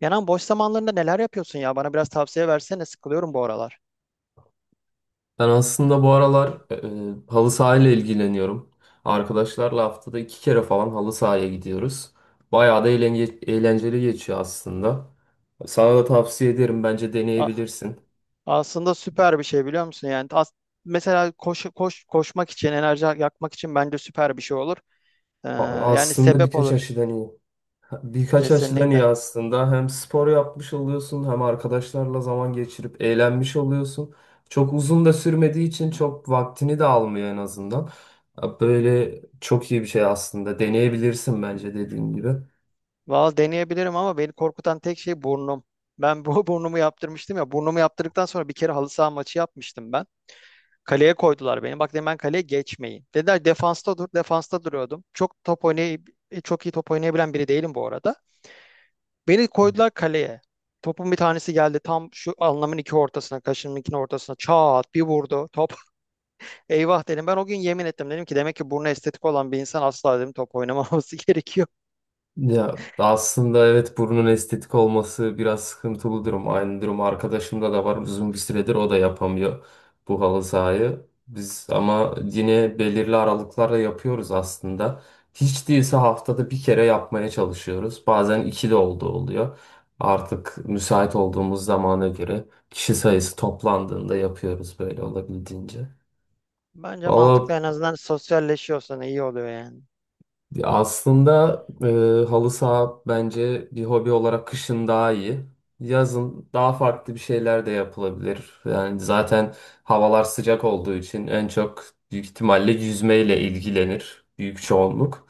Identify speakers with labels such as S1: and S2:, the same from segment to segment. S1: Kenan boş zamanlarında neler yapıyorsun ya? Bana biraz tavsiye versene. Sıkılıyorum bu aralar.
S2: Ben aslında bu aralar halı sahayla ilgileniyorum. Arkadaşlarla haftada iki kere falan halı sahaya gidiyoruz. Bayağı da eğlenceli geçiyor aslında. Sana da tavsiye ederim. Bence
S1: A-
S2: deneyebilirsin.
S1: aslında süper bir şey biliyor musun? Yani mesela koşmak için, enerji yakmak için bence süper bir şey olur. Ee,
S2: A-
S1: yani
S2: Aslında
S1: sebep
S2: birkaç
S1: olur.
S2: açıdan iyi. Birkaç açıdan iyi
S1: Kesinlikle.
S2: aslında. Hem spor yapmış oluyorsun hem arkadaşlarla zaman geçirip eğlenmiş oluyorsun. Çok uzun da sürmediği için çok vaktini de almıyor en azından. Böyle çok iyi bir şey aslında. Deneyebilirsin bence dediğim gibi.
S1: Valla deneyebilirim ama beni korkutan tek şey burnum. Ben bu burnumu yaptırmıştım ya. Burnumu yaptırdıktan sonra bir kere halı saha maçı yapmıştım ben. Kaleye koydular beni. Bak dedim ben kaleye geçmeyin. Dediler defansta dur. Defansta duruyordum. Çok iyi top oynayabilen biri değilim bu arada. Beni koydular kaleye. Topun bir tanesi geldi tam şu alnımın iki ortasına, kaşımın iki ortasına çat bir vurdu top. Eyvah dedim. Ben o gün yemin ettim. Dedim ki demek ki burnu estetik olan bir insan asla dedim top oynamaması gerekiyor.
S2: Ya aslında evet, burnun estetik olması biraz sıkıntılı durum. Aynı durum arkadaşımda da var. Uzun bir süredir o da yapamıyor bu halı sahayı. Biz ama yine belirli aralıklarla yapıyoruz aslında. Hiç değilse haftada bir kere yapmaya çalışıyoruz. Bazen iki de olduğu oluyor. Artık müsait olduğumuz zamana göre kişi sayısı toplandığında yapıyoruz böyle olabildiğince.
S1: Bence mantıklı,
S2: Valla,
S1: en azından sosyalleşiyorsan iyi oluyor yani.
S2: ya aslında halı saha bence bir hobi olarak kışın daha iyi. Yazın daha farklı bir şeyler de yapılabilir. Yani zaten havalar sıcak olduğu için en çok büyük ihtimalle yüzmeyle ilgilenir büyük çoğunluk.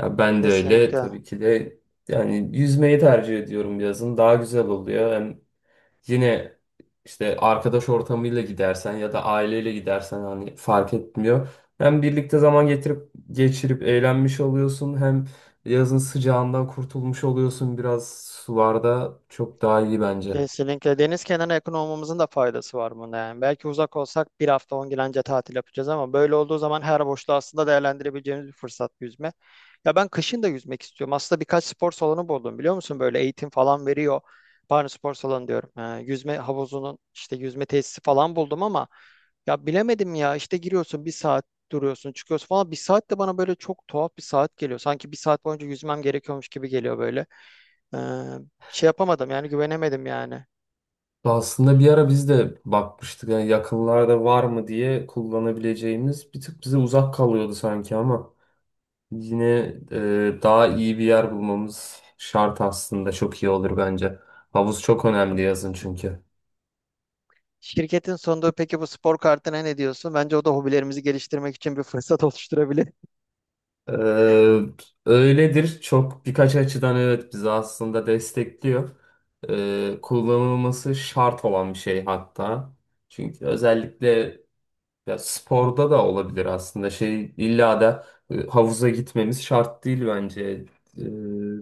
S2: Ya ben de öyle
S1: Kesinlikle.
S2: tabii ki de, yani yüzmeyi tercih ediyorum yazın. Daha güzel oluyor. Hem yine işte arkadaş ortamıyla gidersen ya da aileyle gidersen hani fark etmiyor. Hem birlikte zaman geçirip eğlenmiş oluyorsun hem yazın sıcağından kurtulmuş oluyorsun, biraz sularda çok daha iyi bence.
S1: Kesinlikle. Deniz kenarına yakın olmamızın da faydası var bunda yani. Belki uzak olsak bir hafta 10 gün anca tatil yapacağız, ama böyle olduğu zaman her boşluğu aslında değerlendirebileceğimiz bir fırsat yüzme. Ya ben kışın da yüzmek istiyorum. Aslında birkaç spor salonu buldum, biliyor musun? Böyle eğitim falan veriyor. Pardon, spor salonu diyorum. Ha, yüzme havuzunun işte yüzme tesisi falan buldum ama ya bilemedim, ya işte giriyorsun bir saat, duruyorsun çıkıyorsun falan. Bir saat de bana böyle çok tuhaf bir saat geliyor. Sanki bir saat boyunca yüzmem gerekiyormuş gibi geliyor böyle. Ee, şey yapamadım yani, güvenemedim yani.
S2: Aslında bir ara biz de bakmıştık yani yakınlarda var mı diye kullanabileceğimiz, bir tık bize uzak kalıyordu sanki ama yine daha iyi bir yer bulmamız şart, aslında çok iyi olur bence. Havuz çok önemli yazın çünkü.
S1: Şirketin sonunda peki bu spor kartına ne diyorsun? Bence o da hobilerimizi geliştirmek için bir fırsat oluşturabilir.
S2: Ee, Öyledir. Çok birkaç açıdan evet, bizi aslında destekliyor. Kullanılması şart olan bir şey hatta. Çünkü özellikle ya sporda da olabilir aslında. Şey, illa da havuza gitmemiz şart değil bence. Ee,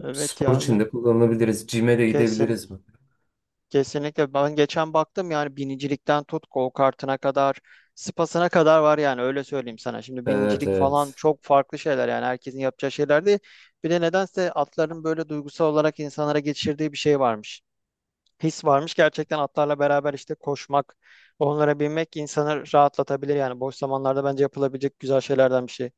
S1: Evet
S2: Spor
S1: ya,
S2: için
S1: ya
S2: de kullanabiliriz, Cime de
S1: kesin.
S2: gidebiliriz mi?
S1: Kesinlikle, ben geçen baktım, yani binicilikten tut, go kartına kadar, spasına kadar var yani, öyle söyleyeyim sana. Şimdi
S2: Evet,
S1: binicilik falan
S2: evet.
S1: çok farklı şeyler, yani herkesin yapacağı şeyler değil. Bir de nedense atların böyle duygusal olarak insanlara geçirdiği bir şey varmış. His varmış gerçekten, atlarla beraber işte koşmak, onlara binmek insanı rahatlatabilir yani, boş zamanlarda bence yapılabilecek güzel şeylerden bir şey.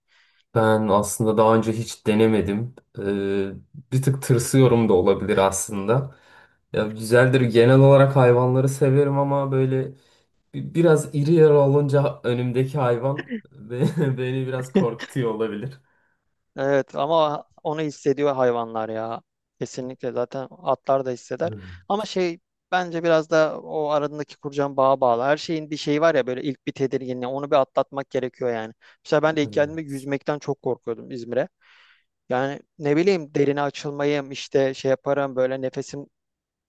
S2: Ben aslında daha önce hiç denemedim. Bir tık tırsıyorum da olabilir aslında. Ya güzeldir. Genel olarak hayvanları severim ama böyle biraz iri yarı olunca önümdeki hayvan beni biraz korkutuyor olabilir.
S1: Evet ama onu hissediyor hayvanlar ya. Kesinlikle, zaten atlar da hisseder.
S2: Hmm.
S1: Ama şey, bence biraz da o aradaki kuracağım bağa bağlı. Her şeyin bir şeyi var ya, böyle ilk bir tedirginliği onu bir atlatmak gerekiyor yani. Mesela ben de ilk geldiğimde
S2: Evet.
S1: yüzmekten çok korkuyordum İzmir'e. Yani ne bileyim, derine açılmayayım işte, şey yaparım böyle, nefesim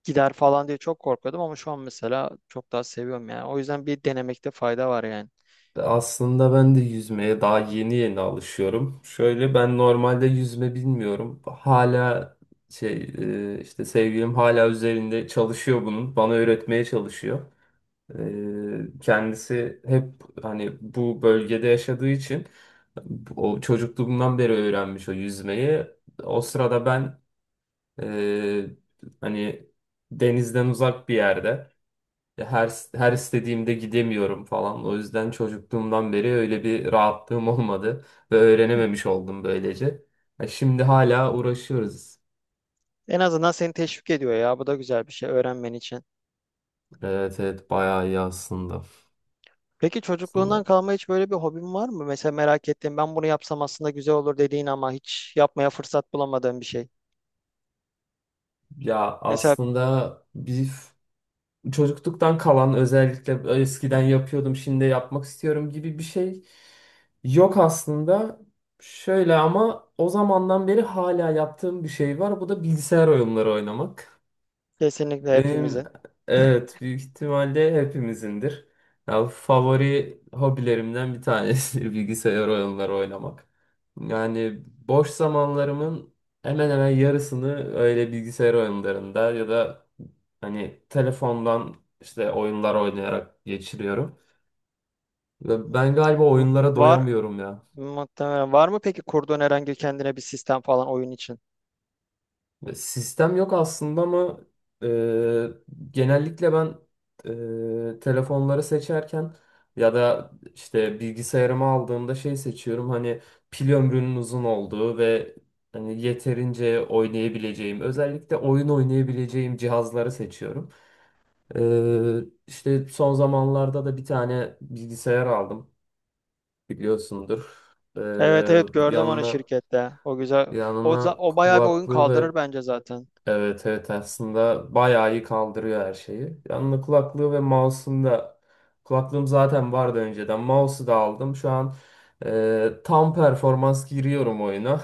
S1: gider falan diye çok korkuyordum, ama şu an mesela çok daha seviyorum yani. O yüzden bir denemekte fayda var yani.
S2: Aslında ben de yüzmeye daha yeni yeni alışıyorum. Şöyle, ben normalde yüzme bilmiyorum. Hala şey, işte sevgilim hala üzerinde çalışıyor bunun. Bana öğretmeye çalışıyor. Kendisi hep hani bu bölgede yaşadığı için o çocukluğumdan beri öğrenmiş o yüzmeyi. O sırada ben e, hani denizden uzak bir yerde her istediğimde gidemiyorum falan. O yüzden çocukluğumdan beri öyle bir rahatlığım olmadı ve öğrenememiş oldum böylece. Ha, şimdi hala uğraşıyoruz.
S1: En azından seni teşvik ediyor ya. Bu da güzel bir şey öğrenmen için.
S2: Evet, evet, bayağı iyi aslında.
S1: Peki çocukluğundan
S2: Aslında.
S1: kalma hiç böyle bir hobin var mı? Mesela merak ettiğin, ben bunu yapsam aslında güzel olur dediğin ama hiç yapmaya fırsat bulamadığın bir şey.
S2: Ya
S1: Mesela
S2: aslında bir çocukluktan kalan, özellikle eskiden yapıyordum şimdi yapmak istiyorum gibi bir şey yok aslında. Şöyle ama o zamandan beri hala yaptığım bir şey var. Bu da bilgisayar oyunları oynamak.
S1: kesinlikle
S2: Benim,
S1: hepimizin.
S2: evet, büyük ihtimalle hepimizindir. Ya, favori hobilerimden bir tanesidir bilgisayar oyunları oynamak. Yani boş zamanlarımın hemen hemen yarısını öyle bilgisayar oyunlarında ya da hani telefondan işte oyunlar oynayarak geçiriyorum. Ve ben
S1: Hmm.
S2: galiba
S1: V-
S2: oyunlara
S1: Var
S2: doyamıyorum ya.
S1: muhtemelen. Var mı peki kurduğun herhangi kendine bir sistem falan oyun için?
S2: Sistem yok aslında ama e, genellikle ben telefonları seçerken ya da işte bilgisayarımı aldığımda şey seçiyorum, hani pil ömrünün uzun olduğu ve hani yeterince oynayabileceğim, özellikle oyun oynayabileceğim cihazları seçiyorum. E, işte son zamanlarda da bir tane bilgisayar aldım, biliyorsundur. E,
S1: Evet, evet, gördüm onu
S2: yanına
S1: şirkette. O güzel. O,
S2: yanına
S1: za- o bayağı bir oyun kaldırır
S2: kulaklığı.
S1: bence zaten.
S2: Evet, evet, aslında bayağı iyi kaldırıyor her şeyi. Yanına kulaklığı ve mouse'um da, kulaklığım zaten vardı önceden. Mouse'u da aldım. Şu an tam performans giriyorum oyuna.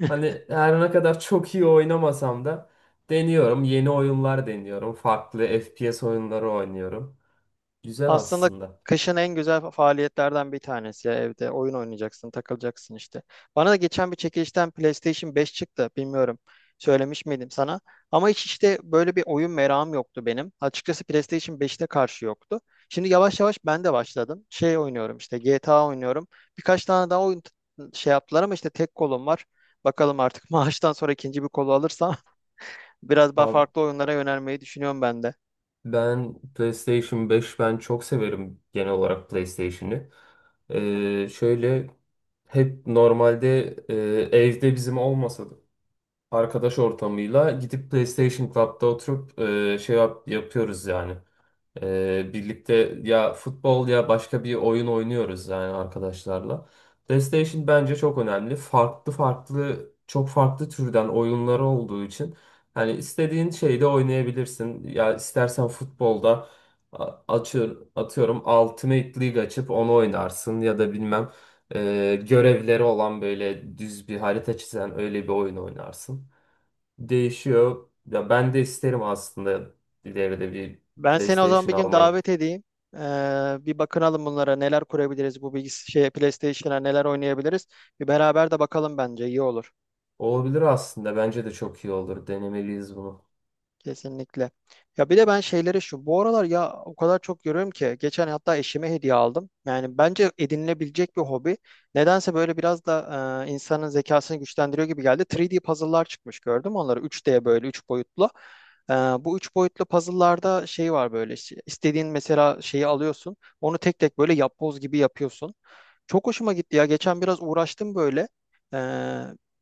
S2: Hani her ne kadar çok iyi oynamasam da deniyorum. Yeni oyunlar deniyorum. Farklı FPS oyunları oynuyorum. Güzel
S1: Aslında
S2: aslında.
S1: kışın en güzel faaliyetlerden bir tanesi ya, evde oyun oynayacaksın, takılacaksın işte. Bana da geçen bir çekilişten PlayStation 5 çıktı. Bilmiyorum söylemiş miydim sana. Ama hiç işte böyle bir oyun merakım yoktu benim. Açıkçası PlayStation 5'te karşı yoktu. Şimdi yavaş yavaş ben de başladım. Şey oynuyorum, işte GTA oynuyorum. Birkaç tane daha oyun şey yaptılar ama işte tek kolum var. Bakalım artık maaştan sonra ikinci bir kolu alırsam biraz daha
S2: Abi,
S1: farklı oyunlara yönelmeyi düşünüyorum ben de.
S2: ben PlayStation 5, ben çok severim genel olarak PlayStation'ı. Şöyle hep normalde evde bizim olmasa da arkadaş ortamıyla gidip PlayStation Club'da oturup şey yapıyoruz yani. Birlikte ya futbol ya başka bir oyun oynuyoruz yani arkadaşlarla. PlayStation bence çok önemli. Farklı farklı, çok farklı türden oyunları olduğu için hani istediğin şeyde oynayabilirsin. Ya istersen futbolda açıyor atıyorum Ultimate League açıp onu oynarsın, ya da bilmem görevleri olan böyle düz bir harita çizen öyle bir oyun oynarsın. Değişiyor. Ya ben de isterim aslında ileride bir
S1: Ben seni o zaman
S2: PlayStation
S1: bir gün
S2: almayı.
S1: davet edeyim. Ee, bir bakınalım bunlara, neler kurabiliriz bu şey PlayStation'a, neler oynayabiliriz. Bir beraber de bakalım, bence iyi olur.
S2: Olabilir aslında. Bence de çok iyi olur. Denemeliyiz bunu.
S1: Kesinlikle. Ya bir de ben şeyleri şu bu aralar ya o kadar çok görüyorum ki, geçen hatta eşime hediye aldım. Yani bence edinilebilecek bir hobi. Nedense böyle biraz da insanın zekasını güçlendiriyor gibi geldi. 3D puzzle'lar çıkmış, gördüm onları, 3D, böyle 3 boyutlu. Bu 3 boyutlu puzzle'larda şey var, böyle işte istediğin mesela şeyi alıyorsun. Onu tek tek böyle yapboz gibi yapıyorsun. Çok hoşuma gitti ya. Geçen biraz uğraştım böyle. Ee,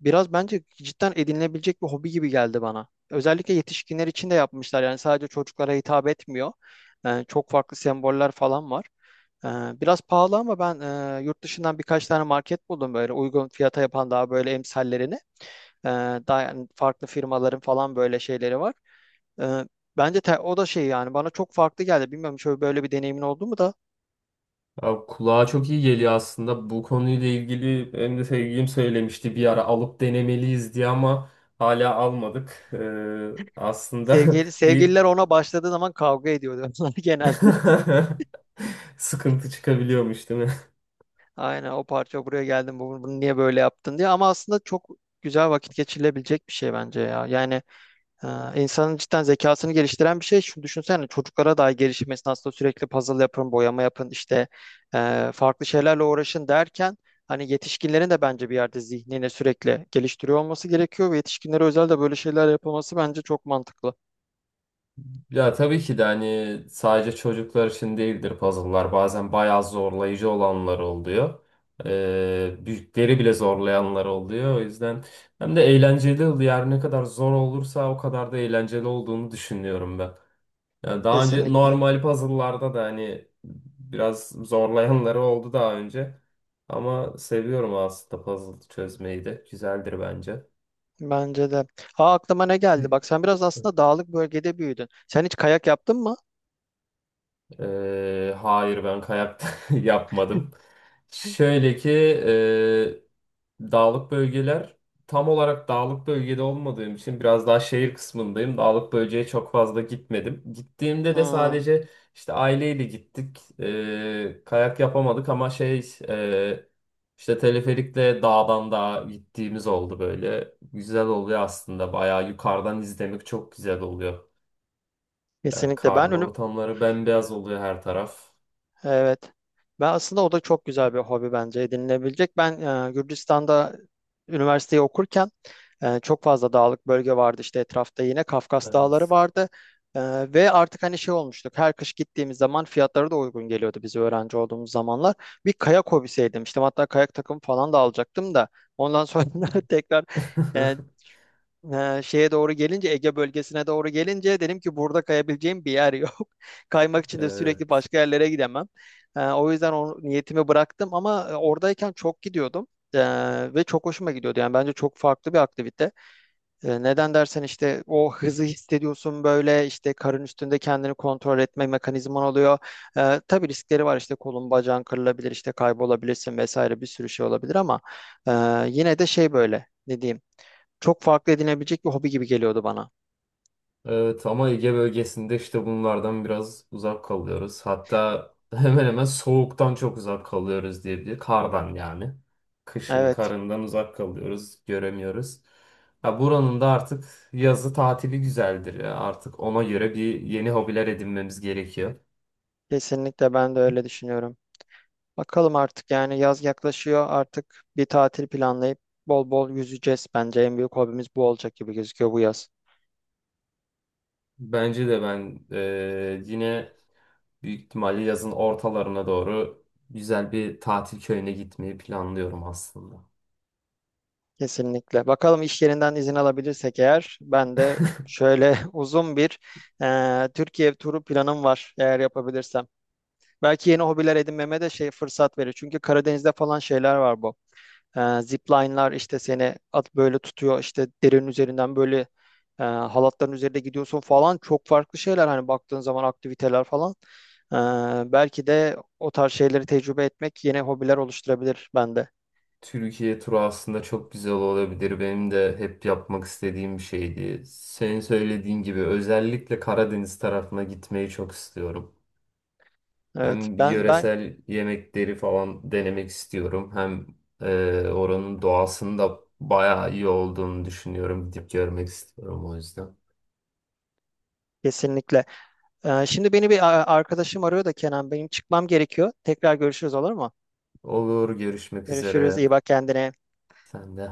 S1: biraz bence cidden edinilebilecek bir hobi gibi geldi bana. Özellikle yetişkinler için de yapmışlar. Yani sadece çocuklara hitap etmiyor. Çok farklı semboller falan var. Biraz pahalı ama ben yurt dışından birkaç tane market buldum, böyle uygun fiyata yapan, daha böyle emsallerini. Ee, daha yani farklı firmaların falan böyle şeyleri var. Ee, bence o da şey yani, bana çok farklı geldi. Bilmiyorum, şöyle böyle bir deneyimin oldu mu da.
S2: Abi, kulağa çok iyi geliyor aslında. Bu konuyla ilgili benim de sevgilim söylemişti bir ara alıp denemeliyiz diye ama hala almadık. Aslında
S1: Sevgili,
S2: bir
S1: sevgililer ona başladığı zaman kavga ediyordu onlar genelde.
S2: sıkıntı çıkabiliyormuş değil mi?
S1: Aynen, o parça buraya geldim, bunu niye böyle yaptın diye, ama aslında çok güzel vakit geçirilebilecek bir şey bence ya. Yani e, insanın cidden zekasını geliştiren bir şey. Şunu düşünsene, çocuklara dahi gelişim esnasında sürekli puzzle yapın, boyama yapın, işte farklı şeylerle uğraşın derken, hani yetişkinlerin de bence bir yerde zihnini sürekli geliştiriyor olması gerekiyor ve yetişkinlere özel de böyle şeyler yapılması bence çok mantıklı.
S2: Ya tabii ki de, hani sadece çocuklar için değildir puzzle'lar. Bazen bayağı zorlayıcı olanlar oluyor. Büyükleri bile zorlayanlar oluyor. O yüzden hem de eğlenceli oluyor. Her ne kadar zor olursa o kadar da eğlenceli olduğunu düşünüyorum ben. Yani daha önce
S1: Kesinlikle.
S2: normal puzzle'larda da hani biraz zorlayanları oldu daha önce. Ama seviyorum aslında puzzle çözmeyi de. Güzeldir bence.
S1: Bence de. Ha, aklıma ne geldi? Bak sen biraz aslında dağlık bölgede büyüdün. Sen hiç kayak yaptın mı?
S2: Hayır, ben kayak yapmadım. Şöyle ki dağlık bölgeler, tam olarak dağlık bölgede olmadığım için biraz daha şehir kısmındayım. Dağlık bölgeye çok fazla gitmedim. Gittiğimde de
S1: Hmm,
S2: sadece işte aileyle gittik. Kayak yapamadık ama şey, işte teleferikle dağdan dağa gittiğimiz oldu böyle. Güzel oluyor aslında. Bayağı yukarıdan izlemek çok güzel oluyor. Yani
S1: kesinlikle. Ben
S2: karlı
S1: önüm,
S2: ortamları bembeyaz oluyor her taraf.
S1: evet. Ben aslında o da çok güzel bir hobi bence edinilebilecek. Ben Gürcistan'da üniversiteyi okurken çok fazla dağlık bölge vardı işte etrafta, yine Kafkas Dağları
S2: Evet.
S1: vardı. E, ve artık hani şey olmuştuk. Her kış gittiğimiz zaman fiyatları da uygun geliyordu, biz öğrenci olduğumuz zamanlar. Bir kayak hobisi edinmiştim. Hatta kayak takımı falan da alacaktım da, ondan sonra tekrar e, Şeye doğru gelince Ege bölgesine doğru gelince dedim ki, burada kayabileceğim bir yer yok. Kaymak için de sürekli
S2: Evet.
S1: başka yerlere gidemem. O yüzden o niyetimi bıraktım, ama oradayken çok gidiyordum. Ve çok hoşuma gidiyordu. Yani bence çok farklı bir aktivite. Neden dersen, işte o hızı hissediyorsun böyle, işte karın üstünde kendini kontrol etme mekanizman oluyor. Tabii riskleri var, işte kolun bacağın kırılabilir, işte kaybolabilirsin vesaire, bir sürü şey olabilir, ama e, yine de şey, böyle ne diyeyim, çok farklı edinebilecek bir hobi gibi geliyordu bana.
S2: Evet ama Ege bölgesinde işte bunlardan biraz uzak kalıyoruz. Hatta hemen hemen soğuktan çok uzak kalıyoruz diyebilir. Kardan yani. Kışın
S1: Evet,
S2: karından uzak kalıyoruz, göremiyoruz. Ya buranın da artık yazı tatili güzeldir ya. Artık ona göre bir yeni hobiler edinmemiz gerekiyor.
S1: kesinlikle ben de öyle düşünüyorum. Bakalım artık yani, yaz yaklaşıyor, artık bir tatil planlayıp bol bol yüzeceğiz. Bence en büyük hobimiz bu olacak gibi gözüküyor bu yaz.
S2: Bence de. Ben yine büyük ihtimalle yazın ortalarına doğru güzel bir tatil köyüne gitmeyi planlıyorum aslında.
S1: Kesinlikle. Bakalım iş yerinden izin alabilirsek eğer, ben de şöyle uzun bir Türkiye turu planım var eğer yapabilirsem. Belki yeni hobiler edinmeme de şey fırsat verir. Çünkü Karadeniz'de falan şeyler var bu. Zipline'lar işte seni at böyle tutuyor, işte derenin üzerinden böyle halatların üzerinde gidiyorsun falan, çok farklı şeyler hani baktığın zaman, aktiviteler falan. Belki de o tarz şeyleri tecrübe etmek yeni hobiler oluşturabilir bende.
S2: Türkiye turu aslında çok güzel olabilir. Benim de hep yapmak istediğim bir şeydi. Senin söylediğin gibi özellikle Karadeniz tarafına gitmeyi çok istiyorum.
S1: Evet,
S2: Hem
S1: ben
S2: yöresel yemekleri falan denemek istiyorum. Hem oranın doğasının da bayağı iyi olduğunu düşünüyorum. Gidip görmek istiyorum o yüzden.
S1: kesinlikle. Şimdi beni bir arkadaşım arıyor da, Kenan benim çıkmam gerekiyor. Tekrar görüşürüz, olur mu?
S2: Olur, görüşmek
S1: Görüşürüz, iyi
S2: üzere.
S1: bak kendine.
S2: Sen de.